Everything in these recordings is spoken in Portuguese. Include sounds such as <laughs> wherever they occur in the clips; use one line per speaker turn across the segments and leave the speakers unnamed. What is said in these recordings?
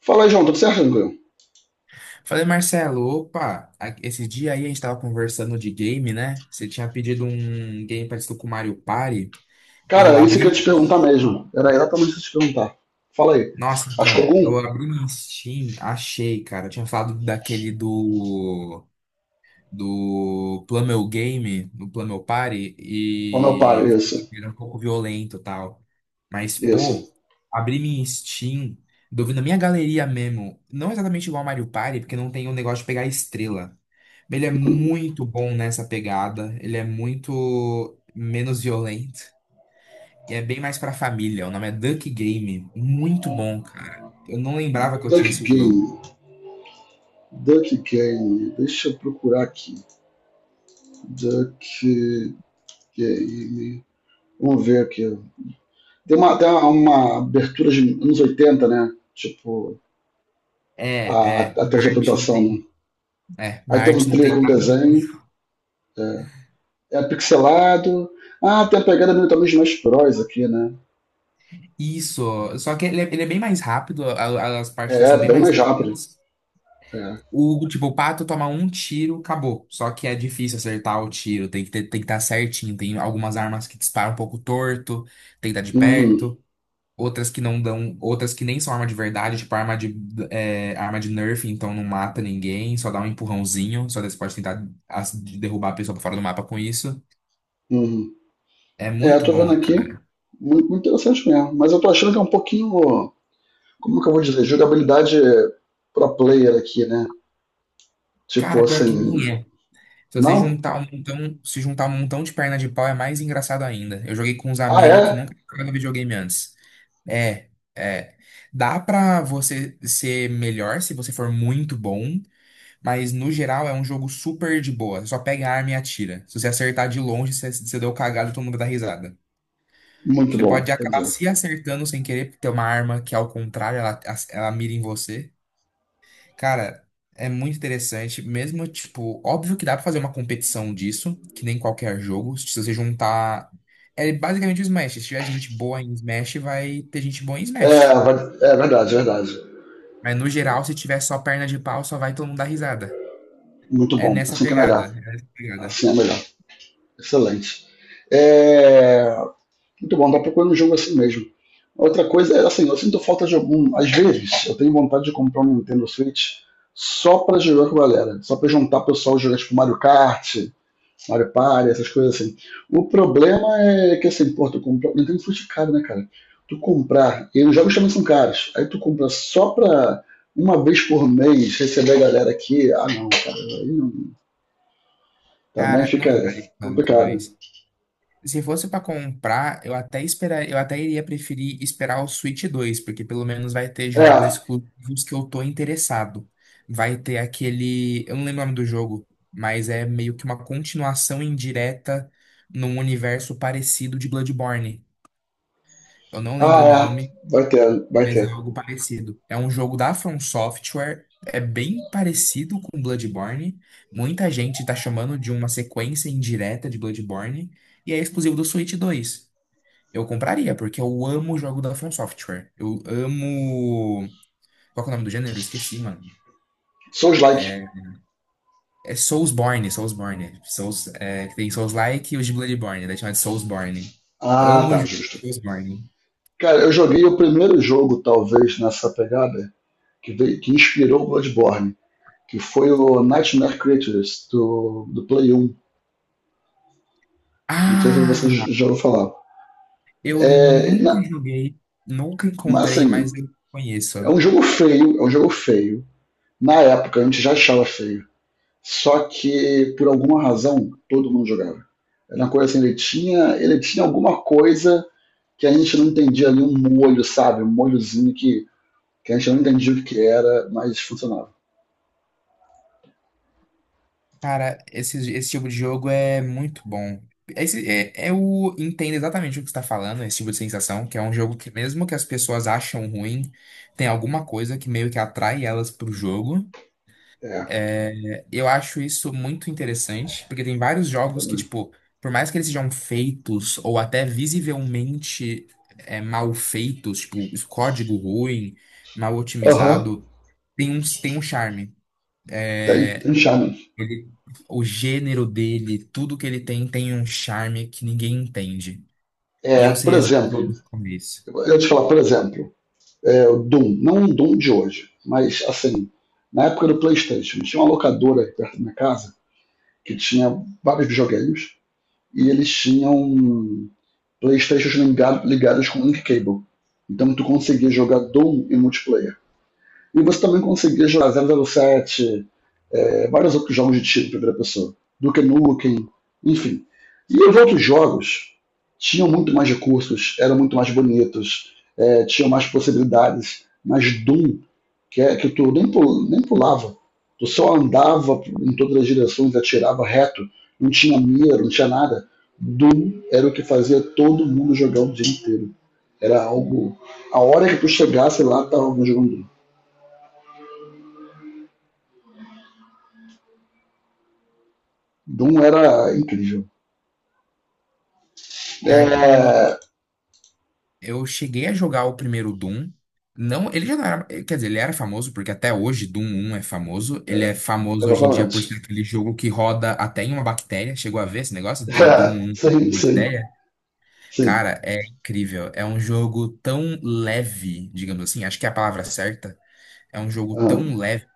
Fala aí, João, tudo certo, tranquilo?
Falei, Marcelo, opa, esse dia aí a gente tava conversando de game, né? Você tinha pedido um game parecido com o Mario Party. Eu
Cara, é isso que eu ia te
abri.
perguntar mesmo. Era exatamente isso que eu ia te perguntar. Fala aí.
Nossa,
Achou
então, eu
algum?
abri no Steam, achei, cara. Eu tinha falado daquele do Plummel Game, do Plummel Party,
Como eu
e
paro?
eu fiquei
Isso.
que era um pouco violento e tal. Mas,
Isso.
pô, abri minha Steam, na minha galeria mesmo. Não exatamente igual ao Mario Party, porque não tem o negócio de pegar estrela. Ele é muito bom nessa pegada. Ele é muito menos violento. E é bem mais pra família. O nome é Duck Game. Muito bom, cara. Eu não lembrava que eu
Duck
tinha esse jogo.
Game. Duck Game. Deixa eu procurar aqui. Duck Game. Vamos ver aqui. Tem uma abertura de anos 80, né? Tipo, a,
É, é.
a tela de
Marte não
apresentação, né?
tem. É,
Aí tem
Marte
um
não
trailer
tem
com
nada do.
desenho.
Isso.
É, é pixelado. Ah, tem a pegada meio também de Smash Bros aqui, né?
Isso. Só que ele é bem mais rápido. As partidas são
É,
bem
bem
mais
mais rápido.
rápidas.
É.
O, tipo, o pato toma um tiro, acabou. Só que é difícil acertar o tiro. Tem que estar certinho. Tem algumas armas que disparam um pouco torto. Tem que estar de
Uhum,
perto. Outras que não dão, outras que nem são arma de verdade, tipo arma de, arma de Nerf, então não mata ninguém, só dá um empurrãozinho, só daí você pode tentar de derrubar a pessoa pra fora do mapa com isso.
uhum.
É
É, eu
muito
tô vendo
bom,
aqui,
cara.
muito, muito interessante mesmo. Mas eu tô achando que é um pouquinho, como que eu vou dizer, jogabilidade pro player aqui, né?
Cara,
Tipo
pior que nem
assim,
é. Se você
não?
juntar um montão, se juntar um montão de perna de pau é mais engraçado ainda. Eu joguei com uns
Ah,
amigos que
é?
nunca jogaram videogame antes. É, é. Dá pra você ser melhor se você for muito bom, mas no geral é um jogo super de boa. Você só pega a arma e atira. Se você acertar de longe, você deu cagada e todo mundo dá risada.
Muito
Você
bom,
pode acabar
entendi.
se acertando sem querer, porque tem uma arma que, ao contrário, ela mira em você. Cara, é muito interessante. Mesmo, tipo, óbvio que dá pra fazer uma competição disso, que nem qualquer jogo. Se você juntar. É basicamente o Smash. Se tiver gente boa em Smash, vai ter gente boa em
É,
Smash.
é verdade, é verdade.
Mas no geral, se tiver só perna de pau, só vai todo mundo dar risada.
Muito
É
bom.
nessa
Assim que é
pegada.
melhor.
É nessa pegada.
Assim é melhor. Excelente. É, muito bom, tá procurando um jogo assim mesmo. Outra coisa é assim, eu sinto falta de algum. Às vezes, eu tenho vontade de comprar um Nintendo Switch só pra jogar com a galera. Só pra juntar o pessoal e jogar tipo Mario Kart, Mario Party, essas coisas assim. O problema é que assim, pô, tu comprar. Nintendo Switch é caro, né, cara? Tu comprar, e os jogos também são caros. Aí tu compra só pra uma vez por mês receber a galera aqui. Ah não, cara, aí não- também
Cara,
fica
não vale tanto,
complicado.
mais se fosse pra comprar, eu até iria preferir esperar o Switch dois, porque pelo menos vai ter
É,
jogos
ah
exclusivos que eu tô interessado. Vai ter aquele, eu não lembro o nome do jogo, mas é meio que uma continuação indireta num universo parecido de Bloodborne. Eu não lembro o
é,
nome,
vai ter, vai
mas é
ter.
algo parecido. É um jogo da From Software, é bem parecido com Bloodborne. Muita gente tá chamando de uma sequência indireta de Bloodborne, e é exclusivo do Switch dois. Eu compraria, porque eu amo o jogo da From Software. Eu amo. Qual que é o nome do gênero? Eu esqueci, mano.
Souls like.
É, é Soulsborne, Soulsborne. Que tem Souls-like e os de Bloodborne, daí chama de Soulsborne.
Ah,
Amo o
tá,
jogo
justo.
de Soulsborne.
Cara, eu joguei o primeiro jogo, talvez, nessa pegada, que, que inspirou o Bloodborne, que foi o Nightmare Creatures, do Play 1. Não sei se você
Ah!
já ouviu falar.
Eu
É,
nunca joguei, nunca
mas
encontrei,
assim,
mas eu conheço.
é um jogo feio, é um jogo feio. Na época, a gente já achava feio. Só que, por alguma razão, todo mundo jogava. Era uma coisa assim, ele tinha alguma coisa que a gente não entendia ali, um molho, sabe? Um molhozinho que a gente não entendia o que era, mas funcionava.
Cara, esse tipo de jogo é muito bom. Esse, eu entendo exatamente o que você está falando, esse tipo de sensação, que é um jogo que, mesmo que as pessoas acham ruim, tem alguma coisa que meio que atrai elas pro jogo.
É,
Eu acho isso muito interessante, porque tem vários jogos que,
também.
tipo, por mais que eles sejam feitos ou até visivelmente, mal feitos, tipo, esse código ruim, mal
Aham, uhum.
otimizado, tem um charme.
Tem,
É,
tem charme.
ele- o gênero dele, tudo que ele tem, tem um charme que ninguém entende. E
É,
eu sei
por exemplo,
exatamente como é isso.
eu ia te falar, por exemplo, é, o Doom, não o Doom de hoje, mas assim, na época do PlayStation, tinha uma locadora aí perto da minha casa que tinha vários videogames e eles tinham PlayStations ligados com link cable. Então tu conseguia jogar Doom em multiplayer. E você também conseguia jogar zero zero sete, é, vários outros jogos de tiro em primeira pessoa, Duke Nukem, enfim. E os outros jogos tinham muito mais recursos, eram muito mais bonitos, é, tinham mais possibilidades, mas Doom, que, é, que tu nem, nem pulava, tu só andava em todas as direções, atirava reto, não tinha mira, não tinha nada. Doom era o que fazia todo mundo jogar o dia inteiro. Era algo. A hora que tu chegasse lá, tava jogando Doom. Doom era incrível.
Pior que eu cheguei a jogar o primeiro Doom. Não, ele já não era, quer dizer, ele era famoso, porque até hoje Doom um é famoso. Ele é famoso hoje em dia por ser
Exatamente.
aquele jogo que roda até em uma bactéria. Chegou a ver esse negócio
<laughs>
de Doom
É,
1
sim,
em
sim,
bactéria?
sim.
Cara, é incrível. É um jogo tão leve, digamos assim, acho que é a palavra certa. É um jogo tão
Aham.
leve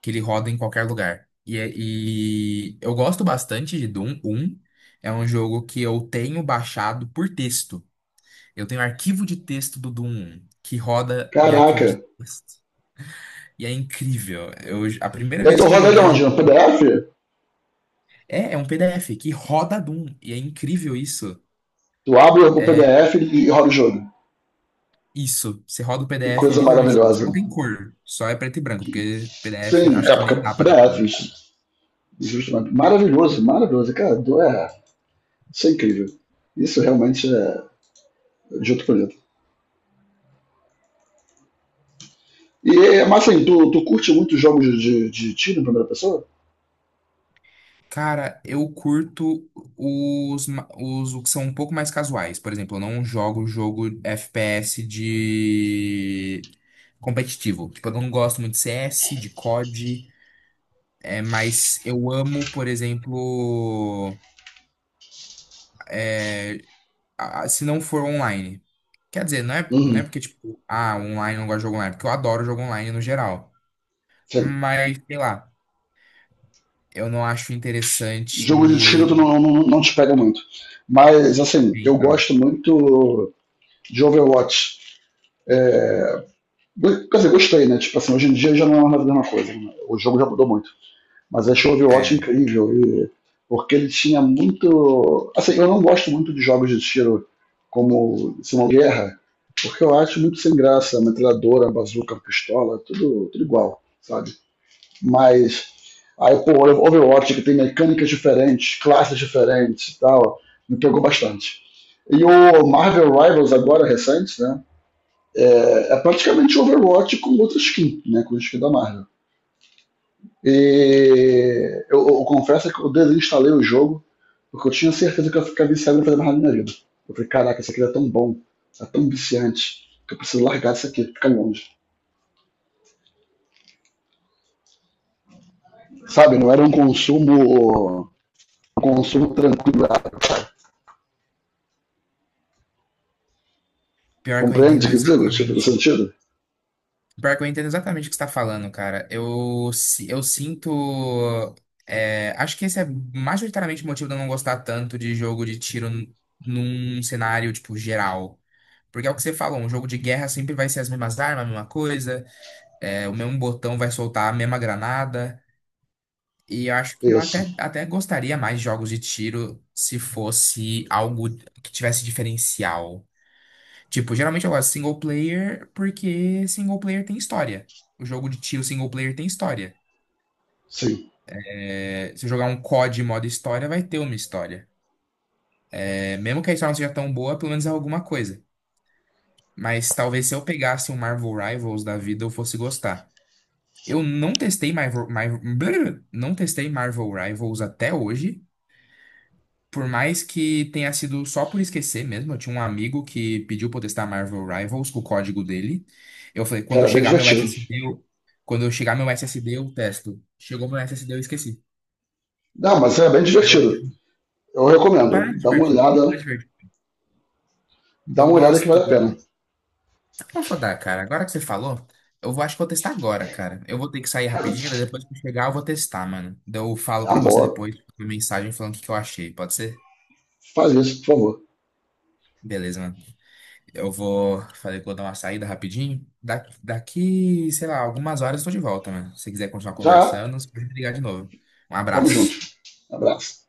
que ele roda em qualquer lugar. E, e eu gosto bastante de Doom um. É um jogo que eu tenho baixado por texto. Eu tenho arquivo de texto do Doom 1, que roda em arquivo de
Caraca.
texto. E é incrível. Eu, a primeira
E aí tu
vez que eu
roda ele
joguei, eu
onde?
joguei.
No PDF?
É, é um PDF que roda Doom. E é incrível isso.
Tu abre o
É
PDF e roda o jogo.
isso. Você roda o
Que
PDF, é
coisa
literalmente jogo. Só
maravilhosa.
não tem cor. Só é preto e branco, porque PDF
Sim,
acho que nem
época
dá pra ter
PDF.
cor.
Justamente. Maravilhoso, maravilhoso. É, isso é incrível. Isso realmente é de outro planeta. E, é, mas assim, tu curte muito jogos de, de tiro em primeira pessoa?
Cara, eu curto os que são um pouco mais casuais. Por exemplo, eu não jogo jogo FPS de competitivo. Tipo, eu não gosto muito de CS, de COD. É, mas eu amo, por exemplo, é, se não for online. Quer dizer, não é
Uhum.
porque, tipo, ah, online eu não gosto de jogo online, é porque eu adoro jogo online no geral.
Sim.
Mas, sei lá, eu não acho
Jogo de tiro tu
interessante.
não, não te pega muito. Mas, assim, eu
Então,
gosto muito de Overwatch. É, quer dizer, gostei, né? Tipo assim, hoje em dia já não é mais a mesma coisa, né? O jogo já mudou muito. Mas achei o Overwatch
é,
incrível. Porque ele tinha muito. Assim, eu não gosto muito de jogos de tiro como Simão Guerra, porque eu acho muito sem graça. Metralhadora, bazuca, pistola, tudo, tudo igual, sabe? Mas. Aí, pô, o Overwatch, que tem mecânicas diferentes, classes diferentes e tal, me pegou bastante. E o Marvel Rivals, agora recente, né? É, é praticamente um Overwatch com outra skin, né? Com a skin da Marvel. E eu confesso que eu desinstalei o jogo, porque eu tinha certeza que eu ia ficar viciado e não fazer mais nada na minha vida. Eu falei, caraca, isso aqui é tão bom, é tão viciante, que eu preciso largar isso aqui, ficar longe. Sabe, não era um consumo tranquilo.
pior que eu
Compreende o
entendo
que digo? Tipo, no
exatamente.
sentido?
Pior que eu entendo exatamente o que você está falando, cara. Eu sinto. Acho que esse é majoritariamente o motivo de eu não gostar tanto de jogo de tiro, num cenário, tipo, geral. Porque é o que você falou, um jogo de guerra sempre vai ser as mesmas armas, a mesma coisa, o mesmo botão vai soltar a mesma granada. E eu acho que
Isso,
até gostaria mais de jogos de tiro se fosse algo que tivesse diferencial. Tipo, geralmente eu gosto de single player, porque single player tem história. O jogo de tiro single player tem história.
sim.
É, se eu jogar um COD modo história, vai ter uma história. É, mesmo que a história não seja tão boa, pelo menos é alguma coisa. Mas talvez se eu pegasse um Marvel Rivals da vida, eu fosse gostar. Eu não testei Marvel, Marvel, <grunts> não testei Marvel Rivals até hoje, por mais que tenha sido só por esquecer mesmo. Eu tinha um amigo que pediu pra eu testar Marvel Rivals com o código dele. Eu falei, quando
Cara, é bem
chegar meu
divertido.
SSD, quando eu chegar meu SSD, eu testo. Chegou meu SSD, eu esqueci.
Não, mas é bem
Até
divertido.
hoje.
Eu recomendo.
Para divertido, para divertido.
Dá
Eu
uma olhada que
gosto.
vale a pena.
Eu vou dar, cara. Agora que você falou, acho que vou testar agora, cara. Eu vou ter que sair rapidinho, daí
<laughs>
depois que eu chegar eu vou testar, mano. Daí eu falo
É
pra você
amor,
depois uma mensagem falando o que que eu achei. Pode ser?
faz isso, por favor.
Beleza, mano. Eu vou, falei que vou dar uma saída rapidinho. Daqui, sei lá, algumas horas eu tô de volta, mano. Se você quiser continuar
Já,
conversando, você pode me ligar de novo. Um
tamo junto.
abraço.
Abraço.